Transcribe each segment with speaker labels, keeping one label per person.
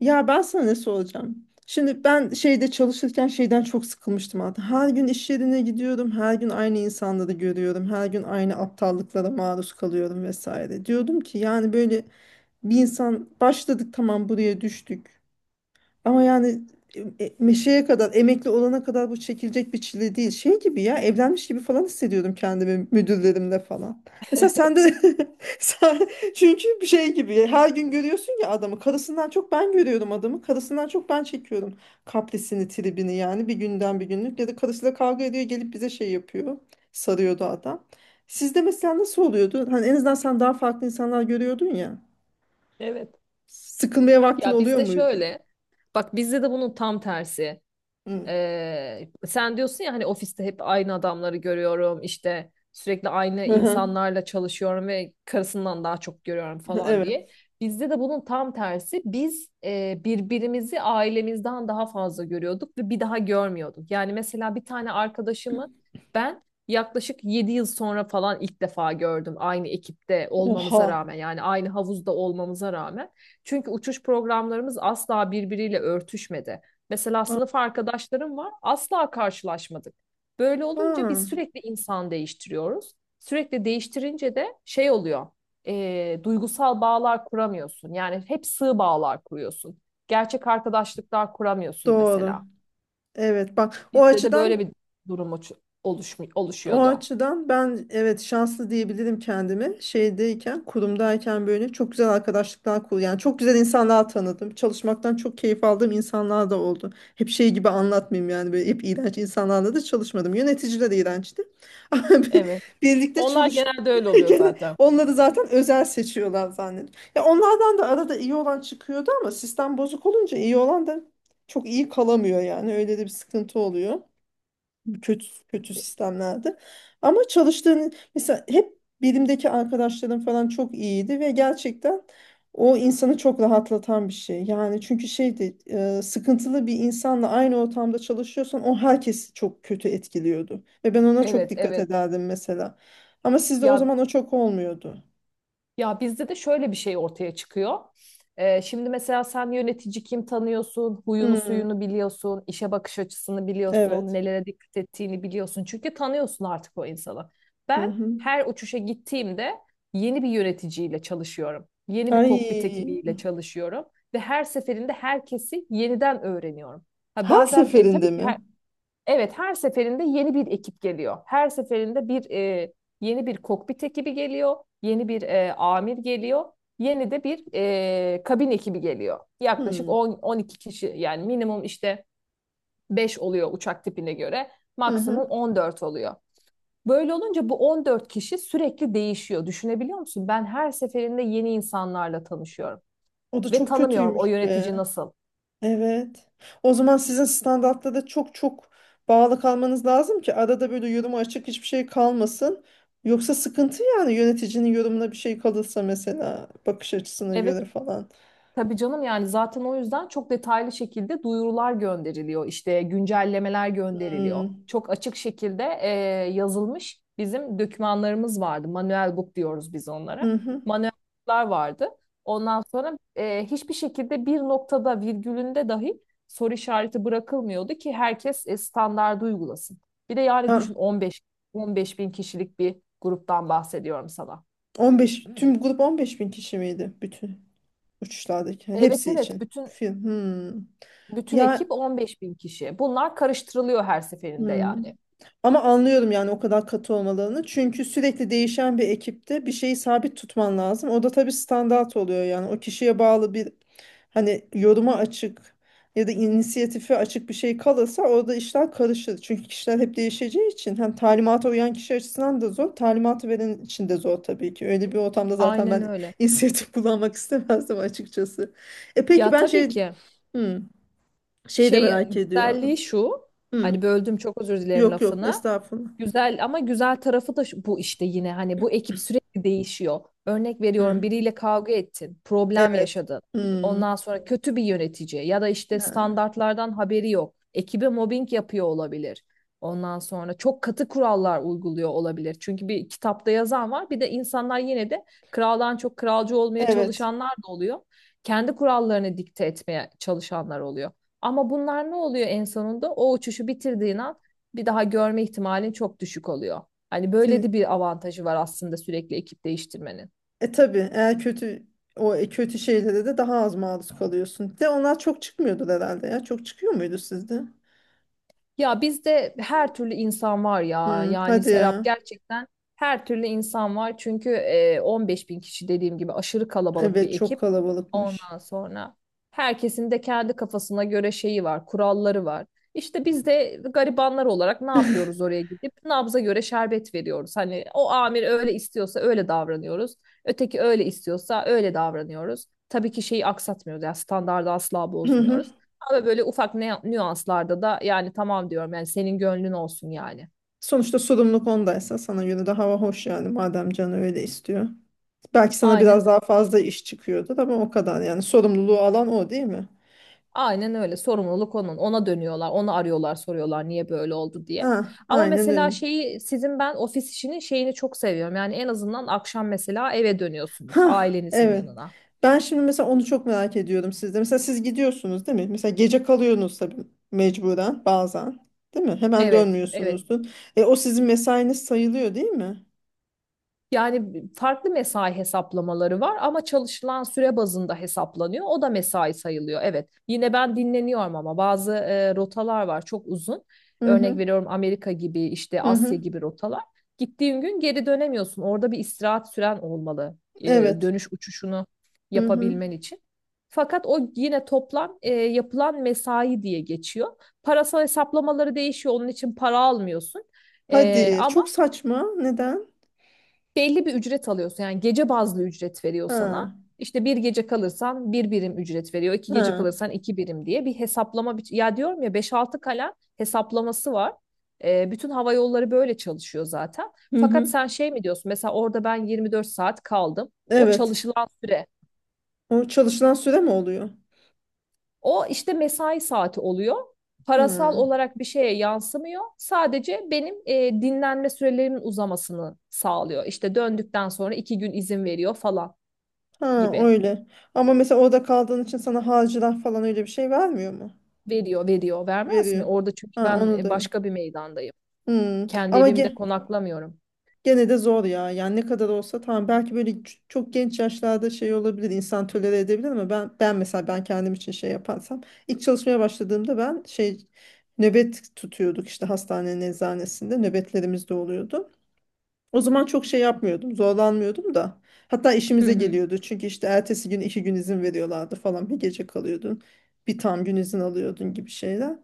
Speaker 1: Ya ben sana ne soracağım? Şimdi ben şeyde çalışırken şeyden çok sıkılmıştım artık. Her gün iş yerine gidiyorum, her gün aynı insanları görüyorum, her gün aynı aptallıklara maruz kalıyorum vesaire. Diyordum ki yani böyle bir insan başladık, tamam, buraya düştük. Ama yani meşeye kadar, emekli olana kadar bu çekilecek bir çile değil. Şey gibi ya, evlenmiş gibi falan hissediyordum kendimi müdürlerimle falan. Mesela sen de sen, çünkü bir şey gibi ya, her gün görüyorsun ya adamı. Karısından çok ben görüyorum adamı. Karısından çok ben çekiyorum kaprisini, tribini yani bir günden bir günlük. Ya da karısıyla kavga ediyor, gelip bize şey yapıyor. Sarıyordu adam. Sizde mesela nasıl oluyordu? Hani en azından sen daha farklı insanlar görüyordun ya.
Speaker 2: Evet.
Speaker 1: Sıkılmaya vaktin
Speaker 2: Ya
Speaker 1: oluyor
Speaker 2: bizde
Speaker 1: muydu?
Speaker 2: şöyle. Bak bizde de bunun tam tersi.
Speaker 1: Hı.
Speaker 2: Sen diyorsun ya hani ofiste hep aynı adamları görüyorum işte sürekli aynı
Speaker 1: Hı hı.
Speaker 2: insanlarla çalışıyorum ve karısından daha çok görüyorum falan
Speaker 1: Evet.
Speaker 2: diye. Bizde de bunun tam tersi, biz birbirimizi ailemizden daha fazla görüyorduk ve bir daha görmüyorduk. Yani mesela bir tane arkadaşımı ben yaklaşık 7 yıl sonra falan ilk defa gördüm, aynı ekipte
Speaker 1: Oha.
Speaker 2: olmamıza rağmen yani aynı havuzda olmamıza rağmen. Çünkü uçuş programlarımız asla birbiriyle örtüşmedi. Mesela sınıf arkadaşlarım var. Asla karşılaşmadık. Böyle olunca
Speaker 1: Ha,
Speaker 2: biz sürekli insan değiştiriyoruz. Sürekli değiştirince de şey oluyor. Duygusal bağlar kuramıyorsun. Yani hep sığ bağlar kuruyorsun. Gerçek arkadaşlıklar kuramıyorsun
Speaker 1: doğru.
Speaker 2: mesela.
Speaker 1: Evet, bak.
Speaker 2: Bizde de böyle bir durum
Speaker 1: O
Speaker 2: oluşuyordu.
Speaker 1: açıdan ben, evet, şanslı diyebilirim kendimi. Şeydeyken, kurumdayken böyle çok güzel arkadaşlıklar yani çok güzel insanlar tanıdım. Çalışmaktan çok keyif aldığım insanlar da oldu. Hep şey gibi anlatmayayım yani, böyle hep iğrenç insanlarla da çalışmadım. Yöneticiler iğrençti. Ama bir-
Speaker 2: Evet.
Speaker 1: Birlikte
Speaker 2: Onlar
Speaker 1: çalıştık.
Speaker 2: genelde öyle oluyor
Speaker 1: Gene
Speaker 2: zaten.
Speaker 1: onları zaten özel seçiyorlar zannediyorum. Ya onlardan da arada iyi olan çıkıyordu ama sistem bozuk olunca iyi olan da çok iyi kalamıyor yani. Öyle de bir sıkıntı oluyor kötü kötü sistemlerde. Ama çalıştığın mesela, hep bilimdeki arkadaşlarım falan çok iyiydi ve gerçekten o insanı çok rahatlatan bir şey. Yani çünkü şeydi, sıkıntılı bir insanla aynı ortamda çalışıyorsan o herkesi çok kötü etkiliyordu. Ve ben ona çok
Speaker 2: Evet,
Speaker 1: dikkat
Speaker 2: evet.
Speaker 1: ederdim mesela. Ama sizde o
Speaker 2: Ya
Speaker 1: zaman o çok olmuyordu.
Speaker 2: Ya, bizde de şöyle bir şey ortaya çıkıyor. Şimdi mesela sen yönetici kim tanıyorsun, huyunu
Speaker 1: Hmm,
Speaker 2: suyunu biliyorsun, işe bakış açısını biliyorsun,
Speaker 1: evet.
Speaker 2: nelere dikkat ettiğini biliyorsun. Çünkü tanıyorsun artık o insanı.
Speaker 1: Hı
Speaker 2: Ben
Speaker 1: hı.
Speaker 2: her uçuşa gittiğimde yeni bir yöneticiyle çalışıyorum. Yeni bir kokpit
Speaker 1: Ay,
Speaker 2: ekibiyle çalışıyorum. Ve her seferinde herkesi yeniden öğreniyorum. Ha,
Speaker 1: her
Speaker 2: bazen tabii
Speaker 1: seferinde
Speaker 2: ki
Speaker 1: mi?
Speaker 2: her... Evet, her seferinde yeni bir ekip geliyor. Her seferinde yeni bir kokpit ekibi geliyor, yeni bir amir geliyor, yeni de bir kabin ekibi geliyor. Yaklaşık
Speaker 1: Hmm.
Speaker 2: 10-12 kişi yani minimum işte 5 oluyor uçak tipine göre,
Speaker 1: Hı hı.
Speaker 2: maksimum 14 oluyor. Böyle olunca bu 14 kişi sürekli değişiyor. Düşünebiliyor musun? Ben her seferinde yeni insanlarla tanışıyorum.
Speaker 1: O da
Speaker 2: Ve
Speaker 1: çok
Speaker 2: tanımıyorum o
Speaker 1: kötüymüş be.
Speaker 2: yönetici nasıl.
Speaker 1: Evet. O zaman sizin standartta da çok çok bağlı kalmanız lazım ki arada böyle yoruma açık hiçbir şey kalmasın. Yoksa sıkıntı yani, yöneticinin yorumuna bir şey kalırsa mesela, bakış açısına
Speaker 2: Evet.
Speaker 1: göre falan.
Speaker 2: Tabii canım, yani zaten o yüzden çok detaylı şekilde duyurular gönderiliyor, işte güncellemeler gönderiliyor.
Speaker 1: Hmm.
Speaker 2: Çok açık şekilde yazılmış bizim dokümanlarımız vardı. Manuel book diyoruz biz onlara.
Speaker 1: Hı hı.
Speaker 2: Manuel book'lar vardı. Ondan sonra hiçbir şekilde bir noktada, virgülünde dahi soru işareti bırakılmıyordu ki herkes standardı uygulasın. Bir de yani
Speaker 1: Ha,
Speaker 2: düşün, 15 bin kişilik bir gruptan bahsediyorum sana.
Speaker 1: 15, tüm grup 15 bin kişi miydi, bütün uçuşlardaki
Speaker 2: Evet,
Speaker 1: hepsi
Speaker 2: evet.
Speaker 1: için?
Speaker 2: bütün
Speaker 1: Film. Hmm.
Speaker 2: Bütün
Speaker 1: Ya.
Speaker 2: ekip 15 bin kişi. Bunlar karıştırılıyor her seferinde
Speaker 1: Hmm.
Speaker 2: yani.
Speaker 1: Ama anlıyorum yani o kadar katı olmalarını. Çünkü sürekli değişen bir ekipte bir şeyi sabit tutman lazım. O da tabii standart oluyor yani. O kişiye bağlı bir, hani yoruma açık ya da inisiyatife açık bir şey kalırsa orada işler karışır. Çünkü kişiler hep değişeceği için hem talimata uyan kişi açısından da zor, talimatı veren için de zor tabii ki. Öyle bir ortamda zaten
Speaker 2: Aynen
Speaker 1: ben
Speaker 2: öyle.
Speaker 1: inisiyatif kullanmak istemezdim açıkçası. E peki,
Speaker 2: Ya
Speaker 1: ben
Speaker 2: tabii
Speaker 1: şey,
Speaker 2: ki,
Speaker 1: hmm, şeyi de
Speaker 2: şey
Speaker 1: merak
Speaker 2: güzelliği
Speaker 1: ediyorum.
Speaker 2: şu,
Speaker 1: Hmm,
Speaker 2: hani böldüm, çok özür dilerim
Speaker 1: yok yok,
Speaker 2: lafını.
Speaker 1: estağfurullah.
Speaker 2: Güzel, ama güzel tarafı da şu: bu işte, yine hani bu ekip sürekli değişiyor. Örnek veriyorum,
Speaker 1: Hı.
Speaker 2: biriyle kavga ettin, problem
Speaker 1: Evet.
Speaker 2: yaşadın.
Speaker 1: Hı.
Speaker 2: Ondan sonra kötü bir yönetici ya da işte
Speaker 1: Ha,
Speaker 2: standartlardan haberi yok. Ekibe mobbing yapıyor olabilir. Ondan sonra çok katı kurallar uyguluyor olabilir. Çünkü bir kitapta yazan var. Bir de insanlar yine de kraldan çok kralcı olmaya
Speaker 1: evet.
Speaker 2: çalışanlar da oluyor. Kendi kurallarını dikte etmeye çalışanlar oluyor. Ama bunlar ne oluyor en sonunda? O uçuşu bitirdiğin an bir daha görme ihtimalin çok düşük oluyor. Hani böyle de
Speaker 1: Sin-
Speaker 2: bir avantajı var aslında sürekli ekip değiştirmenin.
Speaker 1: E tabii, eğer kötü şeylere de daha az maruz kalıyorsun. De onlar çok çıkmıyordur herhalde ya. Çok çıkıyor muydu sizde?
Speaker 2: Ya bizde her türlü insan var ya.
Speaker 1: Hı,
Speaker 2: Yani
Speaker 1: hadi
Speaker 2: Serap,
Speaker 1: ya.
Speaker 2: gerçekten her türlü insan var. Çünkü 15 bin kişi dediğim gibi aşırı kalabalık bir
Speaker 1: Evet, çok
Speaker 2: ekip.
Speaker 1: kalabalıkmış.
Speaker 2: Ondan sonra herkesin de kendi kafasına göre şeyi var, kuralları var. İşte biz de garibanlar olarak ne yapıyoruz oraya gidip? Nabza göre şerbet veriyoruz. Hani o amir öyle istiyorsa öyle davranıyoruz. Öteki öyle istiyorsa öyle davranıyoruz. Tabii ki şeyi aksatmıyoruz. Yani standardı asla
Speaker 1: Hı hı.
Speaker 2: bozmuyoruz. Ama böyle ufak ne, nüanslarda da yani tamam diyorum, yani senin gönlün olsun yani.
Speaker 1: Sonuçta sorumluluk ondaysa sana göre de hava hoş yani, madem canı öyle istiyor. Belki sana
Speaker 2: Aynen,
Speaker 1: biraz daha fazla iş çıkıyordur ama o kadar yani, sorumluluğu alan o değil mi?
Speaker 2: aynen öyle, sorumluluk onun. Ona dönüyorlar, onu arıyorlar, soruyorlar niye böyle oldu diye.
Speaker 1: Ah,
Speaker 2: Ama
Speaker 1: aynen
Speaker 2: mesela
Speaker 1: öyle.
Speaker 2: şeyi, sizin, ben ofis işinin şeyini çok seviyorum. Yani en azından akşam mesela eve dönüyorsunuz
Speaker 1: Hah,
Speaker 2: ailenizin
Speaker 1: evet.
Speaker 2: yanına.
Speaker 1: Ben şimdi mesela onu çok merak ediyordum sizde. Mesela siz gidiyorsunuz değil mi? Mesela gece kalıyorsunuz tabii, mecburen bazen. Değil mi? Hemen
Speaker 2: Evet, evet.
Speaker 1: dönmüyorsunuzdur. E, o sizin mesainiz sayılıyor değil mi?
Speaker 2: Yani farklı mesai hesaplamaları var ama çalışılan süre bazında hesaplanıyor. O da mesai sayılıyor. Evet. Yine ben dinleniyorum ama bazı rotalar var çok uzun.
Speaker 1: Hı hı.
Speaker 2: Örnek veriyorum Amerika gibi, işte
Speaker 1: Hı
Speaker 2: Asya
Speaker 1: hı.
Speaker 2: gibi rotalar. Gittiğin gün geri dönemiyorsun. Orada bir istirahat süren olmalı. e,
Speaker 1: Evet.
Speaker 2: dönüş uçuşunu
Speaker 1: Hı hı.
Speaker 2: yapabilmen için. Fakat o yine toplam yapılan mesai diye geçiyor. Parasal hesaplamaları değişiyor. Onun için para almıyorsun. Ee,
Speaker 1: Hadi.
Speaker 2: ama
Speaker 1: Çok saçma. Neden?
Speaker 2: belli bir ücret alıyorsun. Yani gece bazlı ücret veriyor sana.
Speaker 1: Ha.
Speaker 2: İşte bir gece kalırsan bir birim ücret veriyor. İki gece
Speaker 1: Ha.
Speaker 2: kalırsan iki birim diye bir hesaplama. Ya diyorum ya, beş altı kalem hesaplaması var. Bütün hava yolları böyle çalışıyor zaten.
Speaker 1: Hı
Speaker 2: Fakat
Speaker 1: hı.
Speaker 2: sen şey mi diyorsun? Mesela orada ben 24 saat kaldım. O
Speaker 1: Evet.
Speaker 2: çalışılan süre.
Speaker 1: O çalışılan süre mi oluyor?
Speaker 2: O işte mesai saati oluyor. Parasal
Speaker 1: Hı.
Speaker 2: olarak bir şeye yansımıyor. Sadece benim dinlenme sürelerimin uzamasını sağlıyor. İşte döndükten sonra iki gün izin veriyor falan
Speaker 1: Ha,
Speaker 2: gibi.
Speaker 1: öyle. Ama mesela orada kaldığın için sana harcırah falan, öyle bir şey vermiyor mu?
Speaker 2: Veriyor, veriyor. Vermez mi?
Speaker 1: Veriyor.
Speaker 2: Orada çünkü
Speaker 1: Ha,
Speaker 2: ben
Speaker 1: onu da.
Speaker 2: başka bir meydandayım.
Speaker 1: Hmm.
Speaker 2: Kendi
Speaker 1: Ama
Speaker 2: evimde konaklamıyorum.
Speaker 1: gene de zor ya. Yani ne kadar olsa tamam, belki böyle çok genç yaşlarda şey olabilir, insan tolere edebilir ama ben mesela kendim için şey yaparsam, ilk çalışmaya başladığımda ben şey, nöbet tutuyorduk, işte hastanenin eczanesinde nöbetlerimiz de oluyordu. O zaman çok şey yapmıyordum, zorlanmıyordum da. Hatta
Speaker 2: Hı
Speaker 1: işimize
Speaker 2: hı.
Speaker 1: geliyordu. Çünkü işte ertesi gün iki gün izin veriyorlardı falan. Bir gece kalıyordun, bir tam gün izin alıyordun gibi şeyler.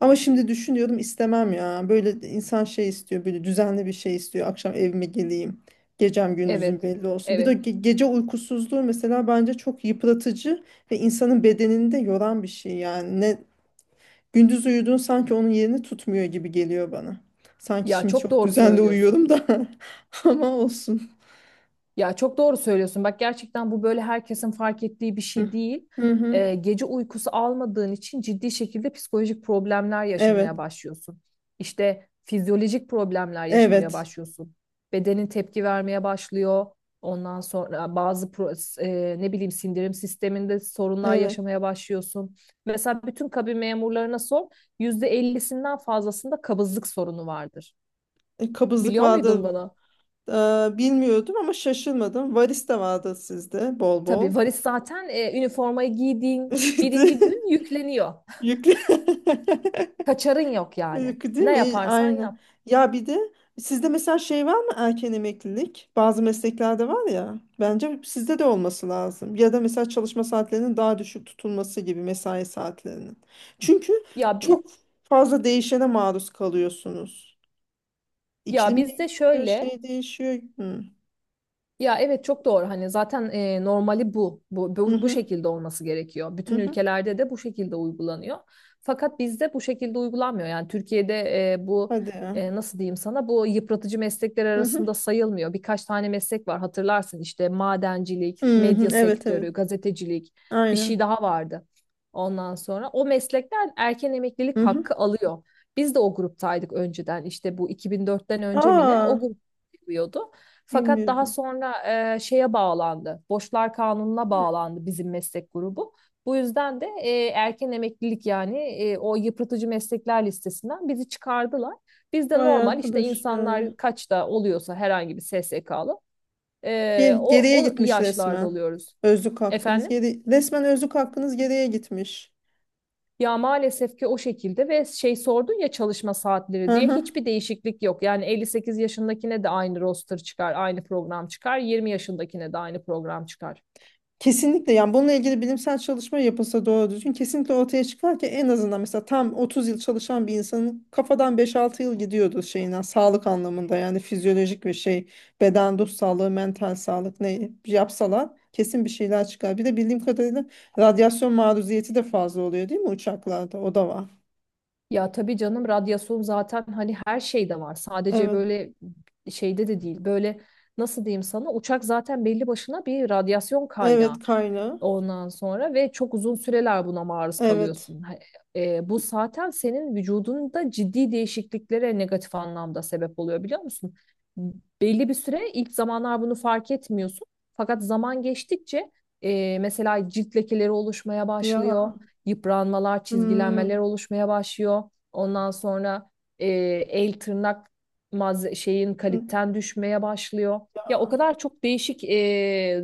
Speaker 1: Ama şimdi düşünüyorum, istemem ya. Böyle de insan şey istiyor, böyle düzenli bir şey istiyor. Akşam evime geleyim, gecem gündüzüm
Speaker 2: Evet.
Speaker 1: belli olsun. Bir de
Speaker 2: Evet.
Speaker 1: gece uykusuzluğu mesela bence çok yıpratıcı ve insanın bedenini de yoran bir şey yani. Ne. Gündüz uyuduğun sanki onun yerini tutmuyor gibi geliyor bana. Sanki
Speaker 2: Ya
Speaker 1: şimdi
Speaker 2: çok
Speaker 1: çok
Speaker 2: doğru
Speaker 1: düzenli
Speaker 2: söylüyorsun.
Speaker 1: uyuyorum da ama olsun.
Speaker 2: Ya çok doğru söylüyorsun. Bak, gerçekten bu böyle herkesin fark ettiği bir
Speaker 1: Hı
Speaker 2: şey değil.
Speaker 1: hı. hı.
Speaker 2: Gece uykusu almadığın için ciddi şekilde psikolojik problemler yaşamaya
Speaker 1: Evet.
Speaker 2: başlıyorsun. İşte fizyolojik problemler yaşamaya
Speaker 1: Evet.
Speaker 2: başlıyorsun. Bedenin tepki vermeye başlıyor. Ondan sonra bazı ne bileyim sindirim sisteminde sorunlar
Speaker 1: Evet.
Speaker 2: yaşamaya başlıyorsun. Mesela bütün kabin memurlarına sor, yüzde %50'sinden fazlasında kabızlık sorunu vardır.
Speaker 1: E, kabızlık
Speaker 2: Biliyor
Speaker 1: vardı,
Speaker 2: muydun bunu?
Speaker 1: bilmiyordum ama şaşırmadım. Varis de vardı sizde, bol bol.
Speaker 2: Tabii varis zaten üniformayı giydiğin
Speaker 1: İşte.
Speaker 2: birinci gün yükleniyor.
Speaker 1: Yüklü.
Speaker 2: Kaçarın yok yani.
Speaker 1: Yok. Değil
Speaker 2: Ne
Speaker 1: mi?
Speaker 2: yaparsan
Speaker 1: Aynen.
Speaker 2: yap.
Speaker 1: Ya bir de sizde mesela şey var mı, erken emeklilik? Bazı mesleklerde var ya. Bence sizde de olması lazım. Ya da mesela çalışma saatlerinin daha düşük tutulması gibi, mesai saatlerinin. Çünkü
Speaker 2: Ya bi-
Speaker 1: çok fazla değişene maruz kalıyorsunuz.
Speaker 2: ya
Speaker 1: İklim
Speaker 2: bizde
Speaker 1: değişiyor,
Speaker 2: şöyle.
Speaker 1: şey değişiyor. Hı.
Speaker 2: Ya evet, çok doğru. Hani zaten normali bu. Bu,
Speaker 1: Hı
Speaker 2: bu, bu
Speaker 1: hı.
Speaker 2: şekilde olması gerekiyor.
Speaker 1: Hı
Speaker 2: Bütün
Speaker 1: hı.
Speaker 2: ülkelerde de bu şekilde uygulanıyor. Fakat bizde bu şekilde uygulanmıyor. Yani Türkiye'de bu
Speaker 1: Hadi ya.
Speaker 2: nasıl diyeyim sana, bu yıpratıcı meslekler
Speaker 1: Hı hı.
Speaker 2: arasında sayılmıyor. Birkaç tane meslek var, hatırlarsın, işte madencilik,
Speaker 1: Hı hı.
Speaker 2: medya
Speaker 1: Evet, evet.
Speaker 2: sektörü, gazetecilik, bir şey
Speaker 1: Aynen.
Speaker 2: daha vardı. Ondan sonra o meslekler erken emeklilik
Speaker 1: Hı hı.
Speaker 2: hakkı alıyor. Biz de o gruptaydık önceden, işte bu 2004'ten önce mi ne
Speaker 1: Aa,
Speaker 2: o grup, fakat daha
Speaker 1: bilmiyordum.
Speaker 2: sonra şeye bağlandı. Borçlar Kanunu'na bağlandı bizim meslek grubu. Bu yüzden de erken emeklilik yani o yıpratıcı meslekler listesinden bizi çıkardılar. Biz de
Speaker 1: Vay
Speaker 2: normal işte,
Speaker 1: arkadaş ya.
Speaker 2: insanlar kaçta oluyorsa, herhangi bir SSK'lı
Speaker 1: Ge- geriye
Speaker 2: o
Speaker 1: gitmiş
Speaker 2: yaşlarda
Speaker 1: resmen.
Speaker 2: oluyoruz.
Speaker 1: Özlük hakkınız
Speaker 2: Efendim?
Speaker 1: geri resmen özlük hakkınız geriye gitmiş.
Speaker 2: Ya maalesef ki o şekilde, ve şey sordun ya çalışma saatleri
Speaker 1: Hı
Speaker 2: diye,
Speaker 1: hı.
Speaker 2: hiçbir değişiklik yok. Yani 58 yaşındakine de aynı roster çıkar, aynı program çıkar. 20 yaşındakine de aynı program çıkar.
Speaker 1: Kesinlikle yani, bununla ilgili bilimsel çalışma yapılsa doğru düzgün, kesinlikle ortaya çıkar ki en azından mesela tam 30 yıl çalışan bir insanın kafadan beş altı yıl gidiyordu şeyinden, sağlık anlamında yani fizyolojik ve şey, beden ruh sağlığı, mental sağlık, ne yapsalar kesin bir şeyler çıkar. Bir de bildiğim kadarıyla radyasyon maruziyeti de fazla oluyor değil mi uçaklarda, o da var.
Speaker 2: Ya tabii canım, radyasyon zaten hani her şeyde var. Sadece
Speaker 1: Evet.
Speaker 2: böyle şeyde de değil. Böyle, nasıl diyeyim sana, uçak zaten belli başına bir radyasyon
Speaker 1: Evet,
Speaker 2: kaynağı.
Speaker 1: kaynağı.
Speaker 2: Ondan sonra ve çok uzun süreler buna maruz
Speaker 1: Evet.
Speaker 2: kalıyorsun. Bu zaten senin vücudunda ciddi değişikliklere negatif anlamda sebep oluyor, biliyor musun? Belli bir süre, ilk zamanlar bunu fark etmiyorsun. Fakat zaman geçtikçe mesela cilt lekeleri oluşmaya
Speaker 1: Ya.
Speaker 2: başlıyor, yıpranmalar,
Speaker 1: Hmm,
Speaker 2: çizgilenmeler oluşmaya başlıyor. Ondan sonra e, el, tırnak, şeyin, kaliten düşmeye başlıyor.
Speaker 1: ya,
Speaker 2: Ya o kadar çok değişik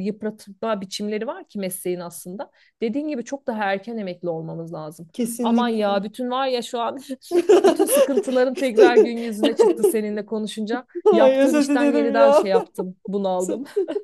Speaker 2: yıpratma biçimleri var ki mesleğin aslında. Dediğin gibi çok daha erken emekli olmamız lazım. Aman ya,
Speaker 1: kesinlikle.
Speaker 2: bütün var ya şu an, bütün sıkıntıların tekrar gün yüzüne çıktı seninle konuşunca.
Speaker 1: Ay,
Speaker 2: Yaptığım
Speaker 1: özür
Speaker 2: işten
Speaker 1: dilerim
Speaker 2: yeniden
Speaker 1: ya.
Speaker 2: şey yaptım, bunaldım.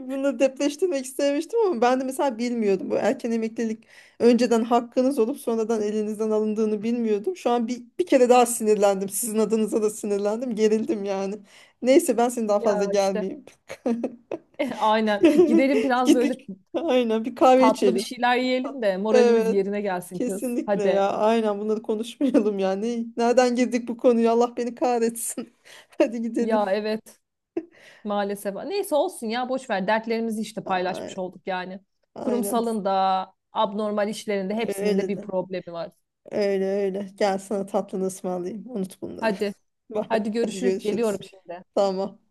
Speaker 1: Bunu depreştirmek istemiştim ama ben de mesela bilmiyordum. Bu erken emeklilik önceden hakkınız olup sonradan elinizden alındığını bilmiyordum. Şu an bir kere daha sinirlendim. Sizin adınıza da sinirlendim. Gerildim yani. Neyse ben seni daha fazla
Speaker 2: Ya işte,
Speaker 1: gelmeyeyim.
Speaker 2: aynen, gidelim biraz
Speaker 1: Git
Speaker 2: böyle.
Speaker 1: bir, aynen bir kahve
Speaker 2: Tatlı bir
Speaker 1: içelim.
Speaker 2: şeyler yiyelim de moralimiz
Speaker 1: Evet.
Speaker 2: yerine gelsin, kız.
Speaker 1: Kesinlikle
Speaker 2: Hadi.
Speaker 1: ya. Aynen, bunları konuşmayalım yani. Nereden girdik bu konuya? Allah beni kahretsin. Hadi
Speaker 2: Ya
Speaker 1: gidelim.
Speaker 2: evet, maalesef. Neyse, olsun ya, boş ver. Dertlerimizi işte paylaşmış
Speaker 1: Ay-
Speaker 2: olduk yani.
Speaker 1: Aynen.
Speaker 2: Kurumsalın da abnormal işlerinde hepsinin de
Speaker 1: Öyle
Speaker 2: bir
Speaker 1: de.
Speaker 2: problemi var.
Speaker 1: Öyle öyle. Gel sana tatlını ısmarlayayım. Unut bunları.
Speaker 2: Hadi.
Speaker 1: Bye.
Speaker 2: Hadi
Speaker 1: Hadi
Speaker 2: görüşürüz.
Speaker 1: görüşürüz.
Speaker 2: Geliyorum şimdi.
Speaker 1: Tamam.